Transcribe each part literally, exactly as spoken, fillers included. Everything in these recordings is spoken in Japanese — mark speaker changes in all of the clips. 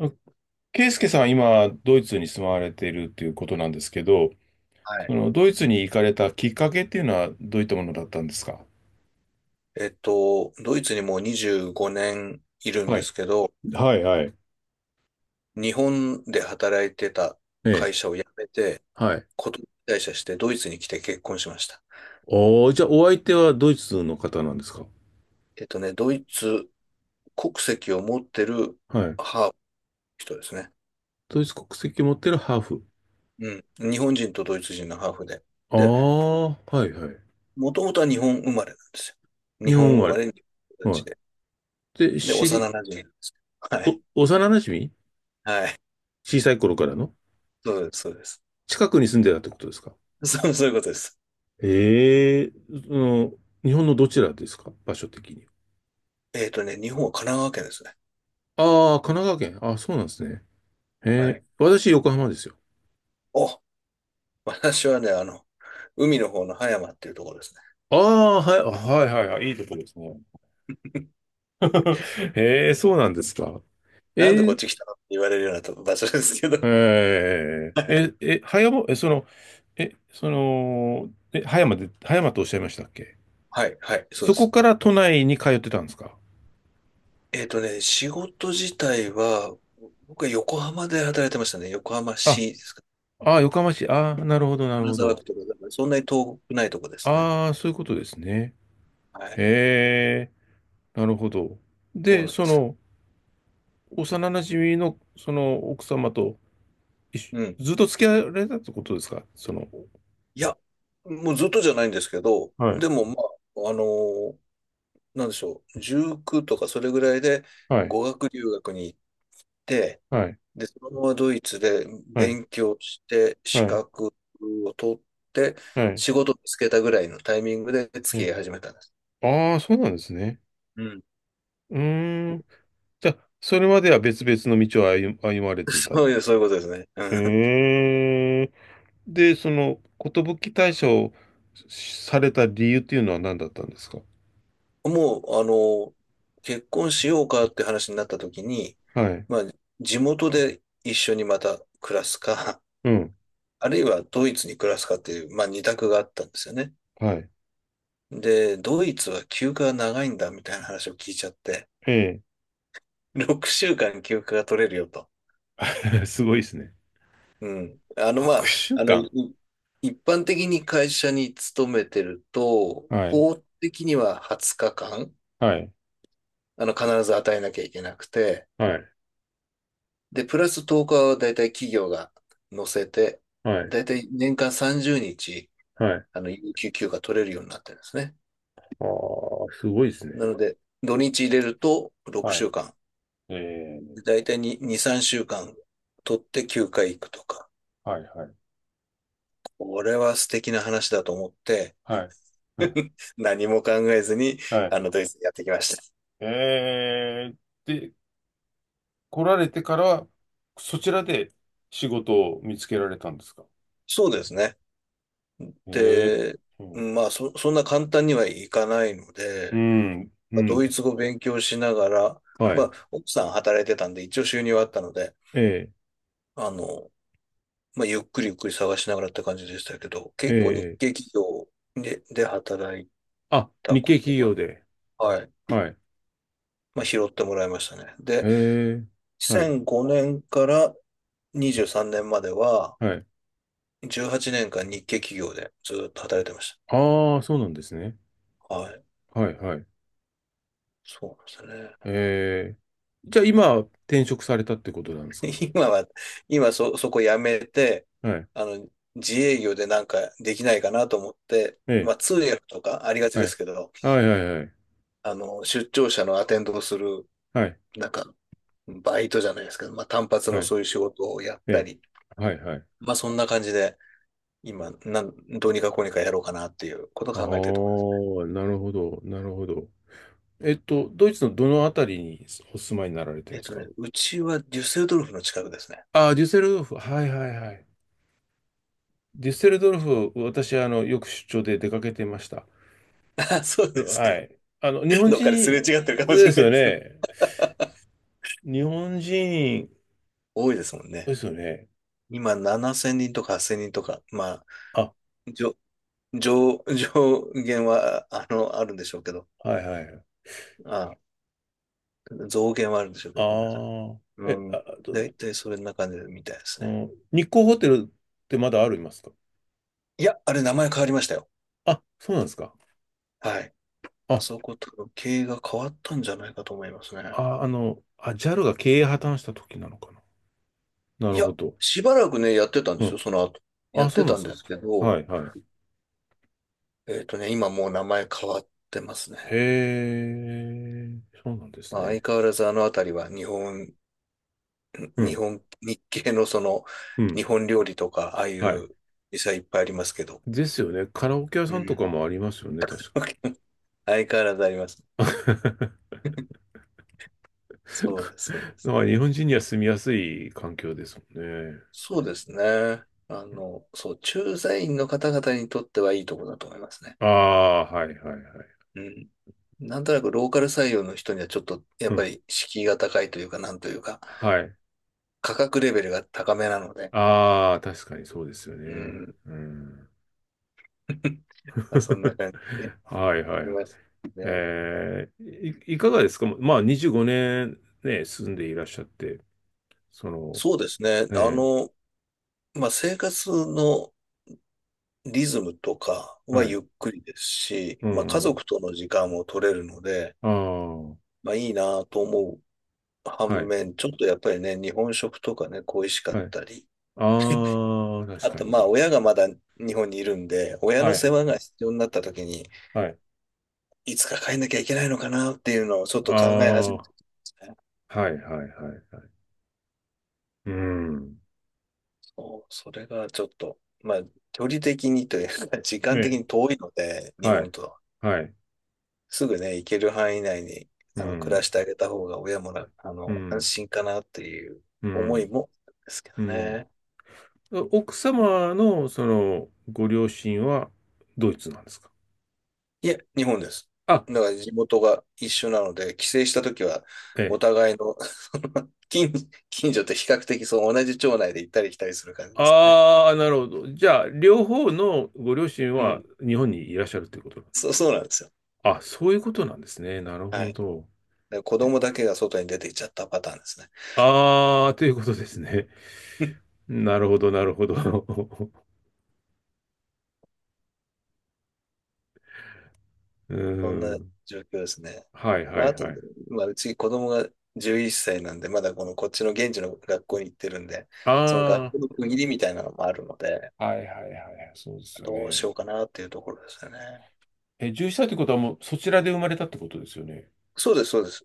Speaker 1: あ圭介さんは今、ドイツに住まわれているということなんですけど、
Speaker 2: はい。
Speaker 1: そのドイツに行かれたきっかけっていうのはどういったものだったんですか？
Speaker 2: えっと、ドイツにもうにじゅうごねんいるん
Speaker 1: は
Speaker 2: で
Speaker 1: い、
Speaker 2: すけど、
Speaker 1: はい、はい。
Speaker 2: 日本で働いてた
Speaker 1: ええ、
Speaker 2: 会社を辞めて、
Speaker 1: はい。
Speaker 2: こと退社してドイツに来て結婚しました。
Speaker 1: おー、じゃあお相手はドイツの方なんですか？
Speaker 2: えっとね、ドイツ国籍を持ってる
Speaker 1: はい。
Speaker 2: ハーフの人ですね。
Speaker 1: ドイツ国籍持ってるハーフ。
Speaker 2: うん。日本人とドイツ人のハーフで。
Speaker 1: あ
Speaker 2: で、
Speaker 1: あ、はいはい。
Speaker 2: もともとは日本生まれなんですよ。日
Speaker 1: 日本
Speaker 2: 本
Speaker 1: 生
Speaker 2: 生
Speaker 1: ま
Speaker 2: まれの人た
Speaker 1: れ。
Speaker 2: ち
Speaker 1: は
Speaker 2: で。
Speaker 1: い。で、
Speaker 2: で、
Speaker 1: 知
Speaker 2: 幼馴染
Speaker 1: り、
Speaker 2: なんです。は
Speaker 1: お、
Speaker 2: い。
Speaker 1: 幼馴染、
Speaker 2: はい。
Speaker 1: 小さい頃からの
Speaker 2: そうです、そうです。
Speaker 1: 近くに住んでたってことですか？
Speaker 2: そう、そういうことです。
Speaker 1: ええ、その、日本のどちらですか、場所的に？
Speaker 2: えっとね、日本は神奈川県ですね。
Speaker 1: ああ、神奈川県。あ、そうなんですね。へ
Speaker 2: は
Speaker 1: え、
Speaker 2: い。
Speaker 1: 私、横浜ですよ。
Speaker 2: あ、私はね、あの、海の方の葉山っていうところですね。
Speaker 1: ああ、はい、あ、はい、はい、はい、いいとこですね。へえ、そうなんですか。
Speaker 2: なんで
Speaker 1: え
Speaker 2: こっ
Speaker 1: ー、
Speaker 2: ち来たのって言われるようなと場所ですけど。
Speaker 1: えー、え、え、葉山、え、その、え、その、え、葉山で、葉山とおっしゃいましたっけ？
Speaker 2: はい、はい、そう
Speaker 1: そ
Speaker 2: で
Speaker 1: こ
Speaker 2: す。
Speaker 1: から都内に通ってたんですか？
Speaker 2: えっとね、仕事自体は、僕は横浜で働いてましたね。横浜
Speaker 1: あ、
Speaker 2: 市ですか。
Speaker 1: ああ、横浜市、ああ、なるほど、なる
Speaker 2: 金
Speaker 1: ほ
Speaker 2: 沢
Speaker 1: ど。
Speaker 2: 区とか、そんなに遠くないとこですね。
Speaker 1: ああ、そういうことですね。
Speaker 2: はい、
Speaker 1: へえ、なるほど。
Speaker 2: そう
Speaker 1: で、
Speaker 2: なんで
Speaker 1: そ
Speaker 2: す。
Speaker 1: の、幼馴染の、その、奥様と、一緒
Speaker 2: うん。
Speaker 1: ずっと付き合われたってことですか、その？
Speaker 2: いや、もうずっとじゃないんですけど、
Speaker 1: はい、
Speaker 2: でも、まあ、あのーなんでしょう、じゅうきゅうとかそれぐらいで
Speaker 1: はい、
Speaker 2: 語学留学に行って、
Speaker 1: はい、
Speaker 2: で、そのままドイツで
Speaker 1: はい、
Speaker 2: 勉強して、
Speaker 1: は
Speaker 2: 資
Speaker 1: い、
Speaker 2: 格を取って、
Speaker 1: はい。
Speaker 2: 仕事をつけたぐらいのタイミングで付き
Speaker 1: ね、
Speaker 2: 合い始めたんです。
Speaker 1: ああ、そうなんですね。
Speaker 2: うん。
Speaker 1: うーん。じゃあ、それまでは別々の道を歩、歩まれ てた。
Speaker 2: そういう、そういうことですね。う
Speaker 1: へえ。で、その、寿退社をされた理由っていうのは何だったんですか？
Speaker 2: ん、もう、あの、結婚しようかって話になった時に、
Speaker 1: はい。
Speaker 2: まあ、地元で一緒にまた暮らすか、
Speaker 1: うん。
Speaker 2: あるいはドイツに暮らすかっていう、まあ、二択があったんですよね。
Speaker 1: はい。
Speaker 2: で、ドイツは休暇が長いんだみたいな話を聞いちゃって、
Speaker 1: え
Speaker 2: ろくしゅうかん休暇が取れるよと。
Speaker 1: え。すごいですね。
Speaker 2: うん。あの、まあ、
Speaker 1: 6週
Speaker 2: あの、い
Speaker 1: 間。
Speaker 2: 一般的に会社に勤めてると、
Speaker 1: はい。
Speaker 2: 法的にははつかかん、
Speaker 1: はい。
Speaker 2: あの、必ず与えなきゃいけなくて、
Speaker 1: はい。
Speaker 2: で、プラスとおかは大体企業が乗せて、
Speaker 1: はい。
Speaker 2: 大体年間さんじゅうにち、
Speaker 1: はい。
Speaker 2: あの、有給休暇取れるようになってるんですね。
Speaker 1: ああ、すごいですね。
Speaker 2: なので、土日入れると6
Speaker 1: は
Speaker 2: 週間、
Speaker 1: い。ええ、
Speaker 2: 大体にに、さんしゅうかん取って休暇行くとか、
Speaker 1: はい、はい。
Speaker 2: これは素敵な話だと思って、
Speaker 1: はい。うん、
Speaker 2: 何も考えずに、
Speaker 1: はい。
Speaker 2: あの、ドイツにやってきました。
Speaker 1: えー、で、来られてから、そちらで仕事を見つけられたんですか？
Speaker 2: そうですね。
Speaker 1: えー、
Speaker 2: で、
Speaker 1: う
Speaker 2: う
Speaker 1: ん、
Speaker 2: んまあそ、そんな簡単にはいかないの
Speaker 1: う
Speaker 2: で、
Speaker 1: ん、う
Speaker 2: まあド
Speaker 1: ん。
Speaker 2: イツ語勉強しながら、
Speaker 1: は
Speaker 2: ま
Speaker 1: い。
Speaker 2: あ、奥さん働いてたんで、一応収入はあったので、
Speaker 1: ええ、
Speaker 2: あの、まあ、ゆっくりゆっくり探しながらって感じでしたけど、
Speaker 1: え
Speaker 2: 結構日
Speaker 1: え、
Speaker 2: 系企業で、で働い
Speaker 1: あ、
Speaker 2: た
Speaker 1: 日
Speaker 2: こ
Speaker 1: 系
Speaker 2: と
Speaker 1: 企
Speaker 2: が、
Speaker 1: 業で。
Speaker 2: はい、
Speaker 1: はい。
Speaker 2: まあ、拾ってもらいましたね。で、
Speaker 1: ええ、はい、
Speaker 2: にせんごねんからにじゅうさんねんまでは、
Speaker 1: はい。
Speaker 2: じゅうはちねんかん日系企業でずっと働いてまし
Speaker 1: ああ、そうなんですね。
Speaker 2: た。はい、
Speaker 1: はい、はい。
Speaker 2: そうなんですね。
Speaker 1: ええ、じゃあ今、転職されたってことなんですか？
Speaker 2: 今は、今そ、そこやめて、
Speaker 1: はい。
Speaker 2: あの、自営業でなんかできないかなと思って、
Speaker 1: え
Speaker 2: ま
Speaker 1: え、
Speaker 2: あ通訳とかありがち
Speaker 1: は
Speaker 2: で
Speaker 1: い。
Speaker 2: すけど、
Speaker 1: はい、はい、はい。
Speaker 2: あの、出張者のアテンドをする、
Speaker 1: はい、
Speaker 2: なんか、バイトじゃないですけど、まあ単発の
Speaker 1: はい。
Speaker 2: そういう仕事をやっ
Speaker 1: え
Speaker 2: た
Speaker 1: え、
Speaker 2: り、
Speaker 1: はい、はい。
Speaker 2: まあそんな感じで、今、なん、どうにかこうにかやろうかなっていうことを
Speaker 1: ああ、
Speaker 2: 考えてるところです。
Speaker 1: なるほど、なるほど。えっと、ドイツのどのあたりにお住まいになられてる
Speaker 2: え
Speaker 1: ん
Speaker 2: っ
Speaker 1: です
Speaker 2: と
Speaker 1: か？
Speaker 2: ね、うちはデュッセルドルフの近くですね。
Speaker 1: ああ、デュッセルドルフ。はいはいはい。デュッセルドル
Speaker 2: そう、
Speaker 1: フ、私、あの、よく出張で出かけてました。
Speaker 2: あ、そうですか。
Speaker 1: はい。あの、日本
Speaker 2: どっかですれ
Speaker 1: 人
Speaker 2: 違ってるかもし
Speaker 1: で
Speaker 2: れ
Speaker 1: す
Speaker 2: な
Speaker 1: よ
Speaker 2: いですね。
Speaker 1: ね。日本人
Speaker 2: 多いですもんね。
Speaker 1: ですよね。
Speaker 2: 今ななせんにんとかはっせんにんとか、ま
Speaker 1: あ、
Speaker 2: じょ、上、上限は、あの、あるんでしょうけど、
Speaker 1: はいはい。
Speaker 2: あ、増減はあるんでしょうけ
Speaker 1: あ
Speaker 2: ど、ごめんなさい。
Speaker 1: あ、
Speaker 2: う
Speaker 1: え、あ、
Speaker 2: ん。
Speaker 1: あと、
Speaker 2: だいたいそれな感じみたいです
Speaker 1: う
Speaker 2: ね。
Speaker 1: ん、日光ホテルってまだありますか？
Speaker 2: いや、あれ名前変わりましたよ。
Speaker 1: あ、そうなんですか。
Speaker 2: はい。あ
Speaker 1: あ、
Speaker 2: そことの経営が変わったんじゃないかと思いますね。
Speaker 1: あ、あの、あ、ジャルが経営破綻した時なのかな。な
Speaker 2: い
Speaker 1: る
Speaker 2: や、
Speaker 1: ほど。
Speaker 2: しばらくね、やってたん
Speaker 1: う
Speaker 2: ですよ、
Speaker 1: ん。
Speaker 2: その後。や
Speaker 1: あ、
Speaker 2: っ
Speaker 1: そ
Speaker 2: て
Speaker 1: うなん
Speaker 2: た
Speaker 1: で
Speaker 2: ん
Speaker 1: すか。
Speaker 2: ですけど、
Speaker 1: はい、はい。
Speaker 2: えっとね、今もう名前変わってますね。
Speaker 1: へえ、そうなんです
Speaker 2: まあ、相
Speaker 1: ね。
Speaker 2: 変わらずあのあたりは日本、
Speaker 1: う
Speaker 2: 日
Speaker 1: ん、
Speaker 2: 本、日系のその、
Speaker 1: う
Speaker 2: 日
Speaker 1: ん。
Speaker 2: 本料理とか、ああい
Speaker 1: はい。
Speaker 2: う店はいっぱいありますけど、
Speaker 1: ですよね。カラオケ屋
Speaker 2: う
Speaker 1: さんとか
Speaker 2: ん。
Speaker 1: もありますよね、確か。
Speaker 2: 相変わらずあります。そうです、そうで
Speaker 1: だ
Speaker 2: す。
Speaker 1: から日本人には住みやすい環境ですもんね。
Speaker 2: そ
Speaker 1: う
Speaker 2: うで
Speaker 1: ん、
Speaker 2: すね。あの、そう、駐在員の方々にとってはいいとこだと思いますね。
Speaker 1: ああ、はい、はい、はい。
Speaker 2: うん。なんとなくローカル採用の人にはちょっと、や
Speaker 1: う
Speaker 2: っぱ
Speaker 1: ん。
Speaker 2: り敷居が高いというか、なんというか、
Speaker 1: はい。
Speaker 2: 価格レベルが高めなので、
Speaker 1: ああ、確かにそうですよ
Speaker 2: う
Speaker 1: ね。
Speaker 2: ん。
Speaker 1: うん。
Speaker 2: まあ、そんな 感じで
Speaker 1: はい、は
Speaker 2: い
Speaker 1: い。
Speaker 2: ますね。
Speaker 1: えー、い、いかがですか、ままあ、にじゅうごねんねんね、住んでいらっしゃって、その。
Speaker 2: そうですね。あ
Speaker 1: え
Speaker 2: の、まあ、生活のリズムとか
Speaker 1: え、
Speaker 2: は
Speaker 1: はい。
Speaker 2: ゆっくりですし、
Speaker 1: う
Speaker 2: まあ、家
Speaker 1: ん、
Speaker 2: 族との時間も取れるので、
Speaker 1: ああ、は
Speaker 2: まあ、いいなと思う反
Speaker 1: い、
Speaker 2: 面、ちょっとやっぱりね、日本食とかね、恋しかっ
Speaker 1: はい。
Speaker 2: たり、
Speaker 1: ああ、確
Speaker 2: あ
Speaker 1: か
Speaker 2: と
Speaker 1: に
Speaker 2: まあ
Speaker 1: ね。
Speaker 2: 親がまだ日本にいるんで、親
Speaker 1: は
Speaker 2: の世
Speaker 1: い、
Speaker 2: 話が必要になった時に、
Speaker 1: はい。
Speaker 2: いつか帰んなきゃいけないのかなっていうのをちょっ
Speaker 1: あ
Speaker 2: と考え始
Speaker 1: あ、
Speaker 2: めて
Speaker 1: は
Speaker 2: たんですね。
Speaker 1: い、はい、はい、はい。うん。
Speaker 2: そう、それがちょっと、まあ距離的にというか、時
Speaker 1: え
Speaker 2: 間的
Speaker 1: え、
Speaker 2: に遠いので、日
Speaker 1: はい、
Speaker 2: 本と。
Speaker 1: はい。
Speaker 2: すぐね、行ける範囲内に
Speaker 1: う
Speaker 2: あの暮ら
Speaker 1: ん、
Speaker 2: してあげた方が親もなあ
Speaker 1: う
Speaker 2: の安
Speaker 1: ん、
Speaker 2: 心かなっていう
Speaker 1: う
Speaker 2: 思い
Speaker 1: ん、
Speaker 2: もあるんですけど
Speaker 1: うん。
Speaker 2: ね。
Speaker 1: 奥様の、その、ご両親は、ドイツなんですか？
Speaker 2: いえ、日本です。
Speaker 1: あ、
Speaker 2: だから地元が一緒なので、帰省したときは、
Speaker 1: え
Speaker 2: お
Speaker 1: え。
Speaker 2: 互いのその近、近所と比較的そう同じ町内で行ったり来たりする感じですかね。
Speaker 1: ああ、なるほど。じゃあ、両方のご両親
Speaker 2: う
Speaker 1: は、
Speaker 2: ん。
Speaker 1: 日本にいらっしゃるということなんですか？
Speaker 2: そう、そうなんですよ。
Speaker 1: あ、そういうことなんですね。なる
Speaker 2: は
Speaker 1: ほ
Speaker 2: い。
Speaker 1: ど。
Speaker 2: で子供だけが外に出ていっちゃったパターンですね。
Speaker 1: ああ、ということですね。なるほど、なるほど。う
Speaker 2: そん
Speaker 1: ー
Speaker 2: な
Speaker 1: ん。
Speaker 2: 状況ですね。
Speaker 1: はい
Speaker 2: ま
Speaker 1: は
Speaker 2: あ、
Speaker 1: い
Speaker 2: あと、
Speaker 1: はい。
Speaker 2: まあ、うち子供がじゅういっさいなんで、まだこのこっちの現地の学校に行ってるんで、その学
Speaker 1: あ
Speaker 2: 校の区切りみたいなのもあるので、
Speaker 1: あ、はいはいはい。そうですよ
Speaker 2: どうし
Speaker 1: ね。
Speaker 2: ようかなっていうところですよね。
Speaker 1: え、獣医さんってことはもうそちらで生まれたってことですよね。
Speaker 2: そうです、そうです。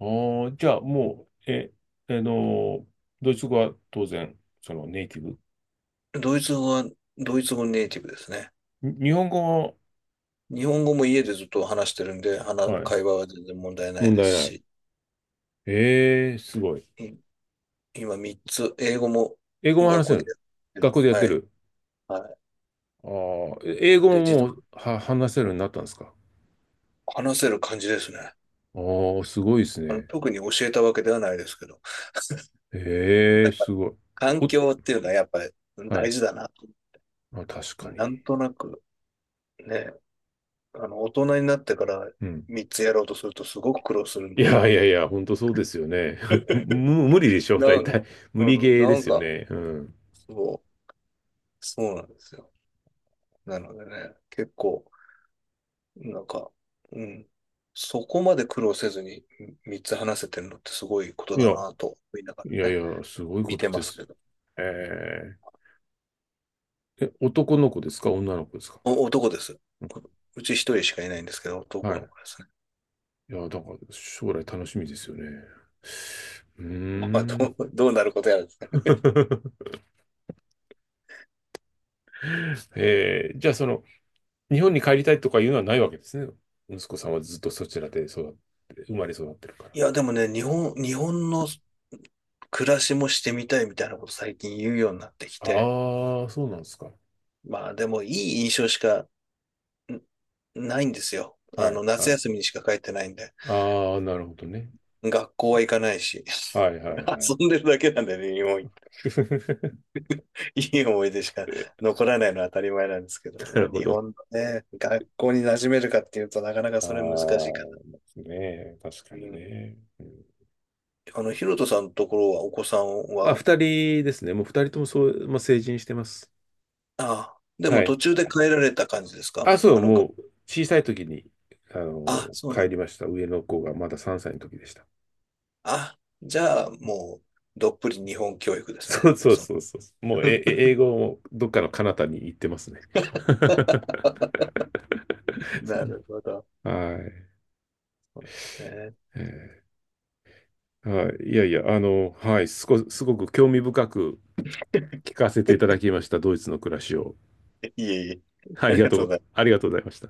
Speaker 1: ああ、じゃあもう、え、あの、ドイツ語は当然、そのネイティブ。
Speaker 2: ドイツ語は、ドイツ語ネイティブですね。
Speaker 1: に日本語
Speaker 2: 日本語も家でずっと話してるんで、
Speaker 1: は、
Speaker 2: 話、
Speaker 1: はい、
Speaker 2: 会話は全然問題ない
Speaker 1: 問
Speaker 2: です
Speaker 1: 題ない。
Speaker 2: し、
Speaker 1: ええ、すごい。
Speaker 2: い今みっつ、英語も
Speaker 1: 英語も
Speaker 2: 学
Speaker 1: 話せ
Speaker 2: 校で
Speaker 1: る。
Speaker 2: やってる。
Speaker 1: 学校でやって
Speaker 2: はい。
Speaker 1: る。
Speaker 2: はい。
Speaker 1: ああ、え英
Speaker 2: な
Speaker 1: 語
Speaker 2: んで、
Speaker 1: も
Speaker 2: 自
Speaker 1: も
Speaker 2: 動、
Speaker 1: うは話せるようになったんですか。
Speaker 2: 話せる感じですね。
Speaker 1: ああ、すごいです
Speaker 2: あの、
Speaker 1: ね。
Speaker 2: 特に教えたわけではないですけど。
Speaker 1: え
Speaker 2: な
Speaker 1: え、
Speaker 2: んか、
Speaker 1: すごい。
Speaker 2: 環
Speaker 1: お、
Speaker 2: 境っていうのはやっぱり
Speaker 1: は
Speaker 2: 大
Speaker 1: い。
Speaker 2: 事だなと。
Speaker 1: あ、確か
Speaker 2: なん
Speaker 1: に。
Speaker 2: となく、ね、あの、大人になってから
Speaker 1: うん。
Speaker 2: みっつやろうとするとすごく苦労する
Speaker 1: い
Speaker 2: のに。
Speaker 1: やいやいや、本当そうですよね。む、無理でしょ、
Speaker 2: な、
Speaker 1: 大
Speaker 2: うん、
Speaker 1: 体。無理ゲーで
Speaker 2: なん
Speaker 1: すよ
Speaker 2: か、
Speaker 1: ね。うん。
Speaker 2: そう、そうなんですよ。なのでね、結構、なんか、うん、そこまで苦労せずにみっつ話せてるのってすごいこと
Speaker 1: い
Speaker 2: だ
Speaker 1: や、
Speaker 2: なと思いなが
Speaker 1: いや
Speaker 2: ら
Speaker 1: い
Speaker 2: ね、
Speaker 1: や、すごい
Speaker 2: 見
Speaker 1: こと
Speaker 2: てま
Speaker 1: で
Speaker 2: す
Speaker 1: す。
Speaker 2: けど。
Speaker 1: ええ。え、男の子ですか？女の子ですか？
Speaker 2: お男です。
Speaker 1: うん、
Speaker 2: うち一人しかいないんですけど、
Speaker 1: は
Speaker 2: 男の
Speaker 1: い。
Speaker 2: 子ですね。
Speaker 1: いや、だから将来楽しみですよね。うー
Speaker 2: まあ、ど
Speaker 1: ん。
Speaker 2: う、どうなることやらですね。
Speaker 1: ええ、じゃあその、日本に帰りたいとかいうのはないわけですね。息子さんはずっとそちらで育って、生まれ育ってるか
Speaker 2: い
Speaker 1: ら。
Speaker 2: や、でもね、日本、日本の暮らしもしてみたいみたいなこと最近言うようになってきて、
Speaker 1: ああ、そうなんですか。
Speaker 2: まあでもいい印象しかないんですよ。あ
Speaker 1: は
Speaker 2: の、
Speaker 1: い、
Speaker 2: 夏
Speaker 1: はい。
Speaker 2: 休みにしか帰ってないんで。
Speaker 1: ああ、なるほどね。
Speaker 2: 学校は行かないし、
Speaker 1: はい、はい、はい。
Speaker 2: 遊んでるだけなんでね、日本、いい思い出しか残らないのは当たり前なんですけど、
Speaker 1: な
Speaker 2: ま
Speaker 1: る
Speaker 2: あ
Speaker 1: ほ
Speaker 2: 日
Speaker 1: ど。
Speaker 2: 本のね、学校に馴染めるかっていうとなかなか
Speaker 1: あ
Speaker 2: それ難しいか。
Speaker 1: あ、ねえ、確か
Speaker 2: う
Speaker 1: に
Speaker 2: ん。
Speaker 1: ね。うん。
Speaker 2: あの、ヒロトさんのところはお子さん
Speaker 1: あ、
Speaker 2: は、
Speaker 1: 二人ですね。もう二人ともそう、まあ、成人してます。
Speaker 2: ああ、で
Speaker 1: は
Speaker 2: も途
Speaker 1: い。
Speaker 2: 中で帰られた感じですか
Speaker 1: あ、そ
Speaker 2: あ
Speaker 1: う、
Speaker 2: の、が
Speaker 1: もう小さい時に、あの、
Speaker 2: あ、そうな
Speaker 1: 帰
Speaker 2: ん
Speaker 1: りました。上の子がまださんさいの時でした。
Speaker 2: あ、じゃあもう、どっぷり日本教育です
Speaker 1: そ
Speaker 2: ね。
Speaker 1: うそう
Speaker 2: そう。
Speaker 1: そうそう。もう、え、え英語もどっかの彼方に行ってますね。
Speaker 2: なるほど。
Speaker 1: はい。
Speaker 2: そうですね。
Speaker 1: えーはい、いやいや、あの、はい、すこ、すごく興味深く聞かせていただきました、ドイツの暮らしを。
Speaker 2: いえいえ。
Speaker 1: あ
Speaker 2: あ
Speaker 1: り
Speaker 2: り
Speaker 1: が
Speaker 2: が
Speaker 1: と
Speaker 2: とうご
Speaker 1: う、
Speaker 2: ざいます。
Speaker 1: ありがとうございました。